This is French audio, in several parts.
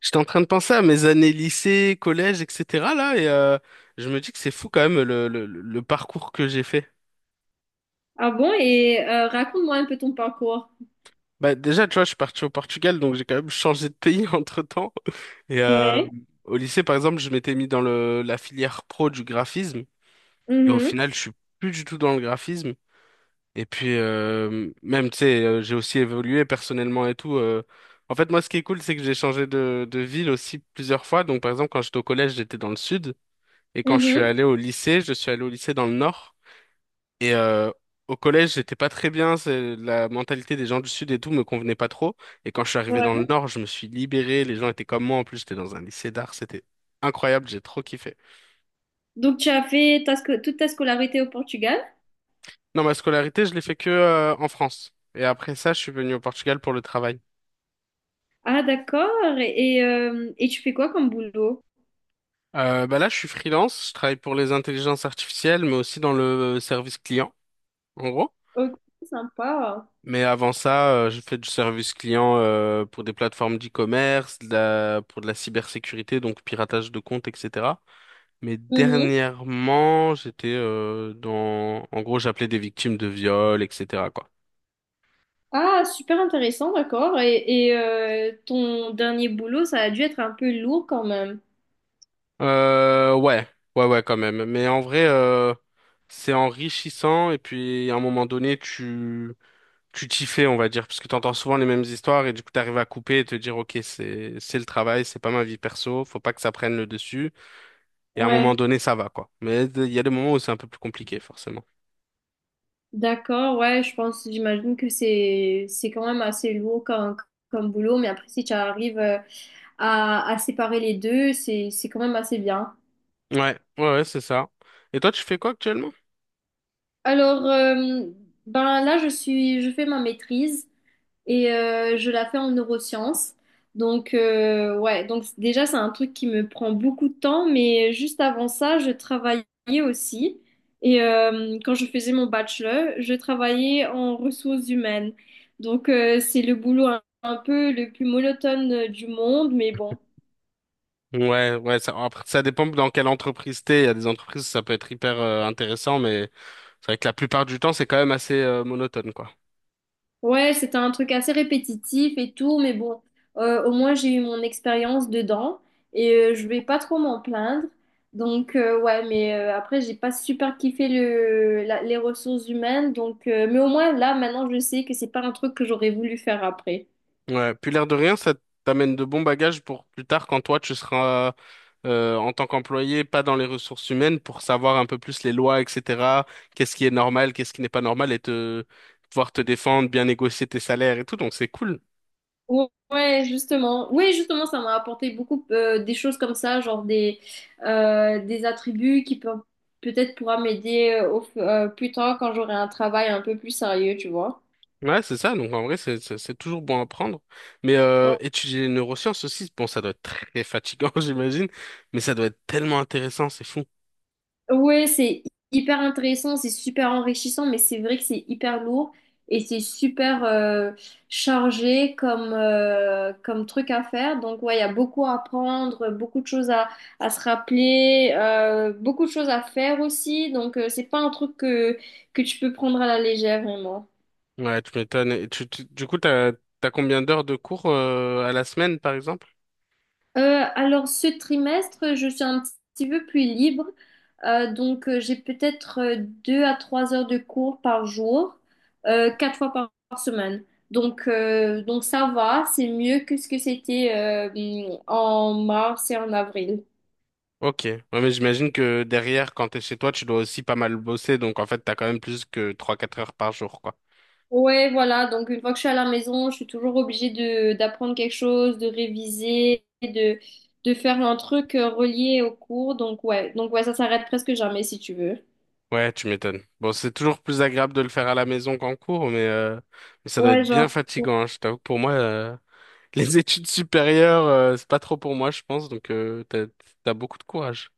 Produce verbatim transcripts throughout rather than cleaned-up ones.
J'étais en train de penser à mes années lycée, collège, et cetera là, et euh, je me dis que c'est fou quand même le, le, le parcours que j'ai fait. Ah bon? Et euh, raconte-moi un peu ton parcours. Bah, déjà, tu vois, je suis parti au Portugal, donc j'ai quand même changé de pays entre-temps. Et euh, Ouais. Au lycée, par exemple, je m'étais mis dans le, la filière pro du graphisme. Et au Mhm. final, je suis plus du tout dans le graphisme. Et puis, euh, même, tu sais, euh, j'ai aussi évolué personnellement et tout. euh. En fait, moi, ce qui est cool, c'est que j'ai changé de, de ville aussi plusieurs fois. Donc, par exemple, quand j'étais au collège, j'étais dans le sud. Et quand je suis Mhm. allé au lycée, je suis allé au lycée dans le Nord. Et euh, Au collège, j'étais pas très bien. c'est- La mentalité des gens du Sud et tout me convenait pas trop. Et quand je suis arrivé dans Ouais. le Nord, je me suis libéré. Les gens étaient comme moi. En plus, j'étais dans un lycée d'art. C'était incroyable. J'ai trop kiffé. Donc, tu as fait ta sco- toute ta scolarité au Portugal? Non, ma scolarité, je l'ai fait que euh, en France. Et après ça, je suis venu au Portugal pour le travail. Ah, d'accord. Et, euh, et tu fais quoi comme boulot? Euh, bah là, je suis freelance. Je travaille pour les intelligences artificielles, mais aussi dans le service client, en gros. Ok, sympa. Mais avant ça, euh, j'ai fait du service client euh, pour des plateformes d'e-commerce, de la- pour de la cybersécurité, donc piratage de comptes, et cetera. Mais Mhm. dernièrement, j'étais euh, dans... En gros, j'appelais des victimes de viol, et cetera quoi. Ah, super intéressant, d'accord. Et, et, euh, ton dernier boulot, ça a dû être un peu lourd quand même. Euh, ouais, ouais, ouais, quand même. Mais en vrai, euh, c'est enrichissant et puis à un moment donné, tu tu t'y fais, on va dire, parce que t'entends souvent les mêmes histoires et du coup, t'arrives à couper et te dire, ok, c'est c'est le travail, c'est pas ma vie perso, faut pas que ça prenne le dessus. Et à un moment Ouais, donné, ça va, quoi. Mais il y a des moments où c'est un peu plus compliqué, forcément. d'accord, ouais, je pense, j'imagine que c'est c'est quand même assez lourd comme, comme boulot, mais après, si tu arrives, euh, à, à séparer les deux, c'est, c'est quand même assez bien. Ouais, ouais, ouais, c'est ça. Et toi, tu fais quoi actuellement? Alors, euh, ben là, je suis, je fais ma maîtrise et euh, je la fais en neurosciences. Donc, euh, ouais, donc c- déjà, c'est un truc qui me prend beaucoup de temps, mais juste avant ça, je travaillais aussi. Et euh, quand je faisais mon bachelor, je travaillais en ressources humaines. Donc, euh, c'est le boulot un, un peu le plus monotone euh, du monde, mais bon. Ouais, ouais, ça, après, ça dépend dans quelle entreprise t'es. Il y a des entreprises, ça peut être hyper euh, intéressant, mais c'est vrai que la plupart du temps, c'est quand même assez euh, monotone, quoi. Ouais, c'était un truc assez répétitif et tout, mais bon, euh, au moins j'ai eu mon expérience dedans et euh, je vais pas trop m'en plaindre. Donc euh, ouais, mais euh, après j'ai pas super kiffé le, la- les ressources humaines, donc euh, mais au moins là maintenant je sais que c'est pas un truc que j'aurais voulu faire après. Ouais, puis l'air de rien, ça t'amène de bons bagages pour plus tard quand toi tu seras euh, en tant qu'employé, pas dans les ressources humaines, pour savoir un peu plus les lois, et cetera. Qu'est-ce qui est normal, qu'est-ce qui n'est pas normal, et te pouvoir te défendre, bien négocier tes salaires et tout, donc c'est cool. Ou- Ouais, justement. Oui, justement, ça m'a apporté beaucoup euh, des choses comme ça, genre des euh, des attributs qui peuvent peut-être pourra m'aider euh, au- f- euh, plus tard quand j'aurai un travail un peu plus sérieux, tu vois. Ouais, c'est ça. Donc en vrai, c'est c'est- c'est toujours bon à prendre. Mais Ouais. euh, étudier les neurosciences aussi, bon, ça doit être très fatigant, j'imagine, mais ça doit être tellement intéressant, c'est fou. Ouais, c'est hyper intéressant, c'est super enrichissant, mais c'est vrai que c'est hyper lourd et c'est super euh, chargé comme, euh, comme truc à faire. Donc, ouais, il y a beaucoup à apprendre, beaucoup de choses à, à se rappeler, euh, beaucoup de choses à faire aussi. Donc, euh, c'est pas un truc que, que tu peux prendre à la légère, vraiment. Ouais, tu m'étonnes. Et tu- tu- du coup, t'as t'as combien d'heures de cours euh, à la semaine, par exemple? Euh, alors, ce trimestre, je suis un petit peu plus libre. Euh, donc, euh, j'ai peut-être euh, deux à trois heures de cours par jour, euh, quatre fois par par semaine. Donc, euh, donc ça va, c'est mieux que ce que c'était euh, en mars et en avril. Ok. Ouais, mais j'imagine que derrière, quand t'es chez toi, tu dois aussi pas mal bosser, donc en fait, t'as quand même plus que trois quatre heures par jour, quoi. Ouais, voilà. Donc, une fois que je suis à la maison, je suis toujours obligée de d'apprendre quelque chose, de réviser, de de faire un truc euh, relié au cours. Donc, ouais. Donc, ouais, ça s'arrête presque jamais si tu veux. Ouais, tu m'étonnes. Bon, c'est toujours plus agréable de le faire à la maison qu'en cours, mais, euh, mais ça doit être Ouais, bien genre. fatigant, hein. Je t'avoue que pour moi. euh, Les études supérieures, euh, c'est pas trop pour moi, je pense, donc euh, t'as, t'as beaucoup de courage.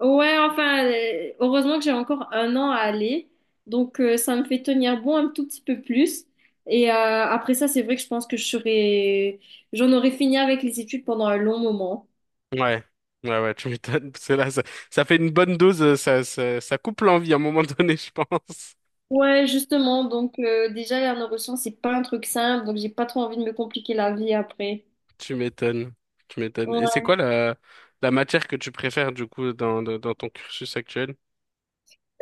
Ouais, enfin, euh, heureusement que j'ai encore un an à aller. Donc, euh, ça me fait tenir bon un tout petit peu plus. Et euh, après ça, c'est vrai que je pense que je serais... j'en aurais fini avec les études pendant un long moment. Ouais, ouais, ouais, tu m'étonnes, parce que là, ça, ça fait une bonne dose, euh, ça, ça, ça coupe l'envie à un moment donné, je pense. Ouais, justement. Donc, euh, déjà, les neurosciences, c'est pas un truc simple. Donc, j'ai pas trop envie de me compliquer la vie après. Tu m'étonnes, tu m'étonnes. Et c'est Ouais. quoi la, la matière que tu préfères, du coup, dans, dans, dans ton cursus actuel?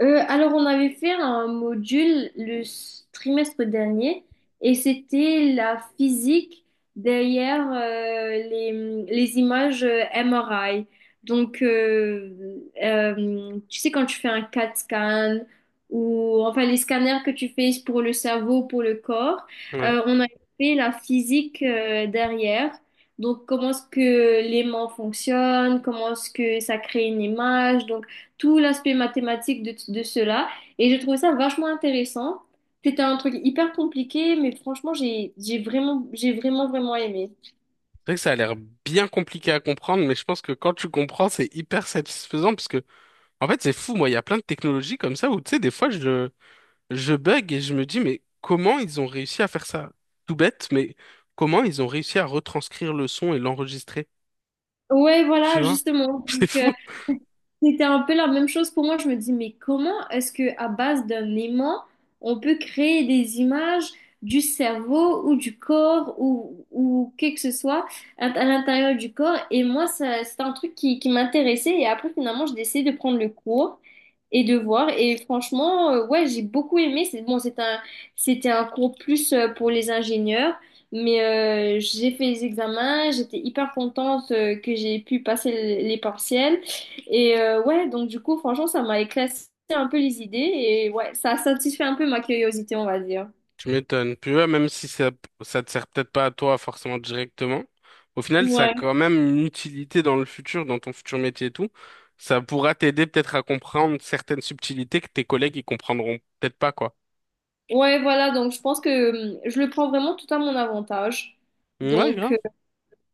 Euh, alors, on avait fait un module le s- trimestre dernier et c'était la physique derrière euh, les, les images euh, M R I. Donc, euh, euh, tu sais, quand tu fais un C A T scan ou enfin les scanners que tu fais pour le cerveau, pour le corps, Ouais. euh, on a fait la physique euh, derrière. Donc, comment est-ce que l'aimant fonctionne, comment est-ce que ça crée une image, tout l'aspect mathématique de, de cela. Et j'ai trouvé ça vachement intéressant. C'était un truc hyper compliqué, mais franchement, j'ai, j'ai vraiment, j'ai vraiment, vraiment aimé. C'est vrai que ça a l'air bien compliqué à comprendre, mais je pense que quand tu comprends, c'est hyper satisfaisant, parce que, en fait, c'est fou, moi, il y a plein de technologies comme ça où, tu sais, des fois, je, je bug et je me dis, mais comment ils ont réussi à faire ça? Tout bête, mais comment ils ont réussi à retranscrire le son et l'enregistrer? Ouais, Tu voilà, vois? justement. C'est Donc, fou. euh, c'était un peu la même chose pour moi. Je me dis, mais comment est-ce que à base d'un aimant, on peut créer des images du cerveau ou du corps ou, ou que que ce soit à, à l'intérieur du corps? Et moi, ça, c'est un truc qui, qui m'intéressait. Et après, finalement, j'ai décidé de prendre le cours et de voir. Et franchement, euh, ouais, j'ai beaucoup aimé. C'est bon, c'est un, c'était un cours plus euh, pour les ingénieurs. Mais euh, j'ai fait les examens, j'étais hyper contente euh, que j'ai pu passer les partiels. Et euh, ouais, donc du coup, franchement, ça m'a éclairci un peu les idées et ouais, ça a satisfait un peu ma curiosité, on va dire. Tu m'étonnes. Puis ouais, même si ça, ça te sert peut-être pas à toi forcément directement, au final, ça a Ouais. quand même une utilité dans le futur, dans ton futur métier et tout. Ça pourra t'aider peut-être à comprendre certaines subtilités que tes collègues ils comprendront peut-être pas, quoi. Ouais, voilà, donc je pense que hum, je le prends vraiment tout à mon avantage. Ouais, Donc, grave.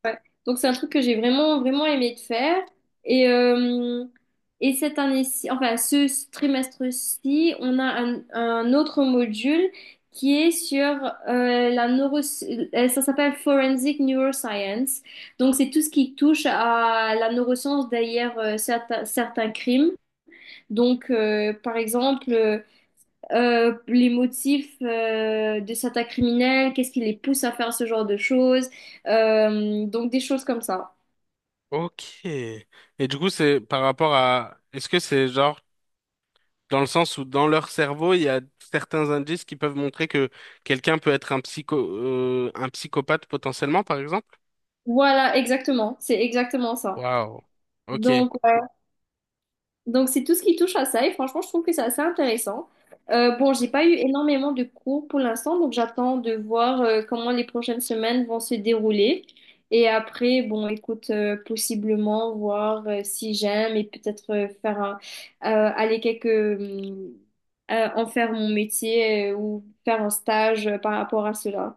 ouais. Donc c'est un truc que j'ai vraiment vraiment aimé de faire et euh, et cette année-ci enfin ce ce trimestre-ci on a un, un autre module qui est sur euh, la neuro euh, ça s'appelle Forensic Neuroscience, donc c'est tout ce qui touche à la neuroscience derrière euh, certains certains crimes, donc euh, par exemple euh, euh, les motifs euh, de certains criminels, qu'est-ce qui les pousse à faire ce genre de choses, euh, donc des choses comme ça. Ok. Et du coup, c'est par rapport à... Est-ce que c'est genre... Dans le sens où dans leur cerveau, il y a certains indices qui peuvent montrer que quelqu'un peut être un psycho, euh, un psychopathe potentiellement, par exemple. Voilà, exactement. C'est exactement ça. Waouh. Ok. Donc, euh, donc c'est tout ce qui touche à ça. Et franchement, je trouve que c'est assez intéressant. Euh, bon, j'ai pas eu énormément de cours pour l'instant, donc j'attends de voir euh, comment les prochaines semaines vont se dérouler. Et après, bon, écoute, euh, possiblement voir euh, si j'aime et peut-être euh, faire un- euh, aller quelques hum, euh, en faire mon métier euh, ou faire un stage euh, par rapport à cela.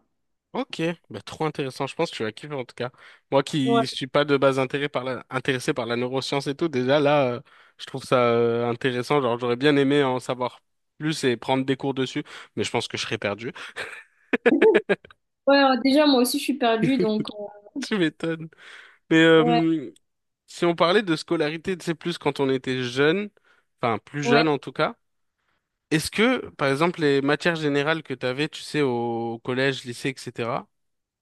Ok. Bah, trop intéressant. Je pense que tu vas kiffer en tout cas. Moi Ouais. qui suis pas de base intéressé par la, intéressé par la neuroscience et tout, déjà là, euh, je trouve ça euh, intéressant. Genre, j'aurais bien aimé en savoir plus et prendre des cours dessus, mais je pense que je serais perdu. Ouais, euh, déjà moi aussi je suis perdue, donc euh, Tu m'étonnes. Mais ouais, euh, si on parlait de scolarité, tu sais, plus quand on était jeune, enfin plus ouais. jeune en tout cas. Est-ce que, par exemple, les matières générales que tu avais, tu sais, au collège, lycée, et cetera,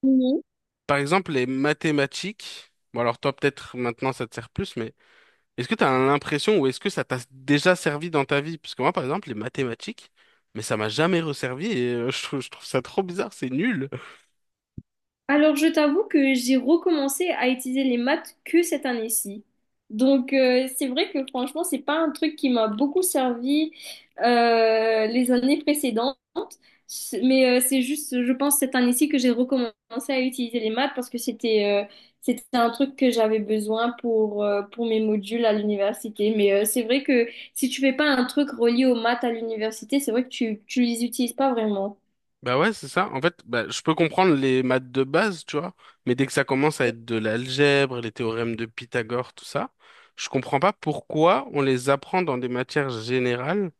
Mhm. par exemple, les mathématiques, bon alors toi peut-être maintenant ça te sert plus, mais est-ce que tu as l'impression ou est-ce que ça t'a déjà servi dans ta vie? Parce que moi, par exemple, les mathématiques, mais ça m'a jamais resservi et euh, je trouve, je trouve ça trop bizarre, c'est nul. Alors, je t'avoue que j'ai recommencé à utiliser les maths que cette année-ci. Donc, euh, c'est vrai que franchement, c'est pas un truc qui m'a beaucoup servi euh, les années précédentes. C'est- Mais euh, c'est juste, je pense, cette année-ci que j'ai recommencé à utiliser les maths parce que c'était euh, c'était un truc que j'avais besoin pour, euh, pour mes modules à l'université. Mais euh, c'est vrai que si tu fais pas un truc relié aux maths à l'université, c'est vrai que tu, tu les utilises pas vraiment. Bah ouais, c'est ça. En fait, bah, je peux comprendre les maths de base, tu vois, mais dès que ça commence à être de l'algèbre, les théorèmes de Pythagore, tout ça, je comprends pas pourquoi on les apprend dans des matières générales.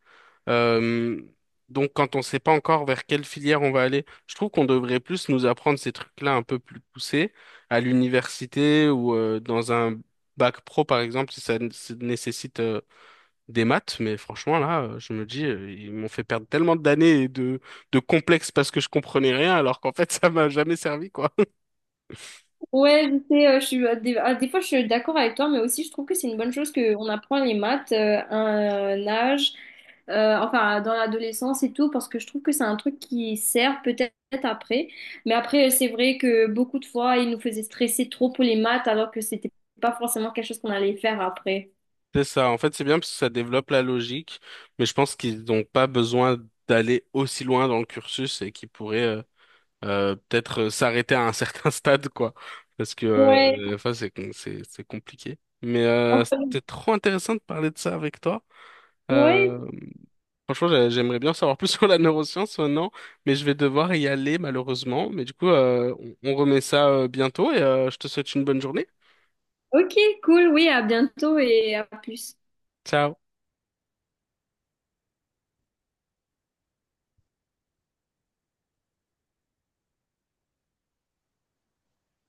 euh, donc, quand on sait pas encore vers quelle filière on va aller, je trouve qu'on devrait plus nous apprendre ces trucs-là un peu plus poussés à l'université ou euh, dans un bac pro, par exemple, si ça n- si ça nécessite euh, des maths, mais franchement, là, euh, je me dis, euh, ils m'ont fait perdre tellement d'années et de, de complexes parce que je comprenais rien, alors qu'en fait, ça m'a jamais servi, quoi. Ouais, je sais, euh, je suis, euh, des, ah, des fois je suis d'accord avec toi, mais aussi je trouve que c'est une bonne chose qu'on apprend les maths euh, à un âge, euh, enfin dans l'adolescence et tout, parce que je trouve que c'est un truc qui sert peut-être après. Mais après, euh, c'est vrai que beaucoup de fois, ils nous faisaient stresser trop pour les maths, alors que c'était pas forcément quelque chose qu'on allait faire après. C'est ça. En fait, c'est bien parce que ça développe la logique, mais je pense qu'ils n'ont pas besoin d'aller aussi loin dans le cursus et qu'ils pourraient euh, euh, peut-être euh, s'arrêter à un certain stade, quoi. Parce que Ouais, euh, des fois, c'est com- c'est c'est compliqué. Mais euh, enfin, c'était trop intéressant de parler de ça avec toi. ouais, Euh, Franchement, j'a- j'aimerais bien en savoir plus sur la neuroscience maintenant, mais je vais devoir y aller malheureusement. Mais du coup, euh, on on remet ça euh, bientôt et euh, je te souhaite une bonne journée. ok, cool, oui, à bientôt et à plus. Ciao.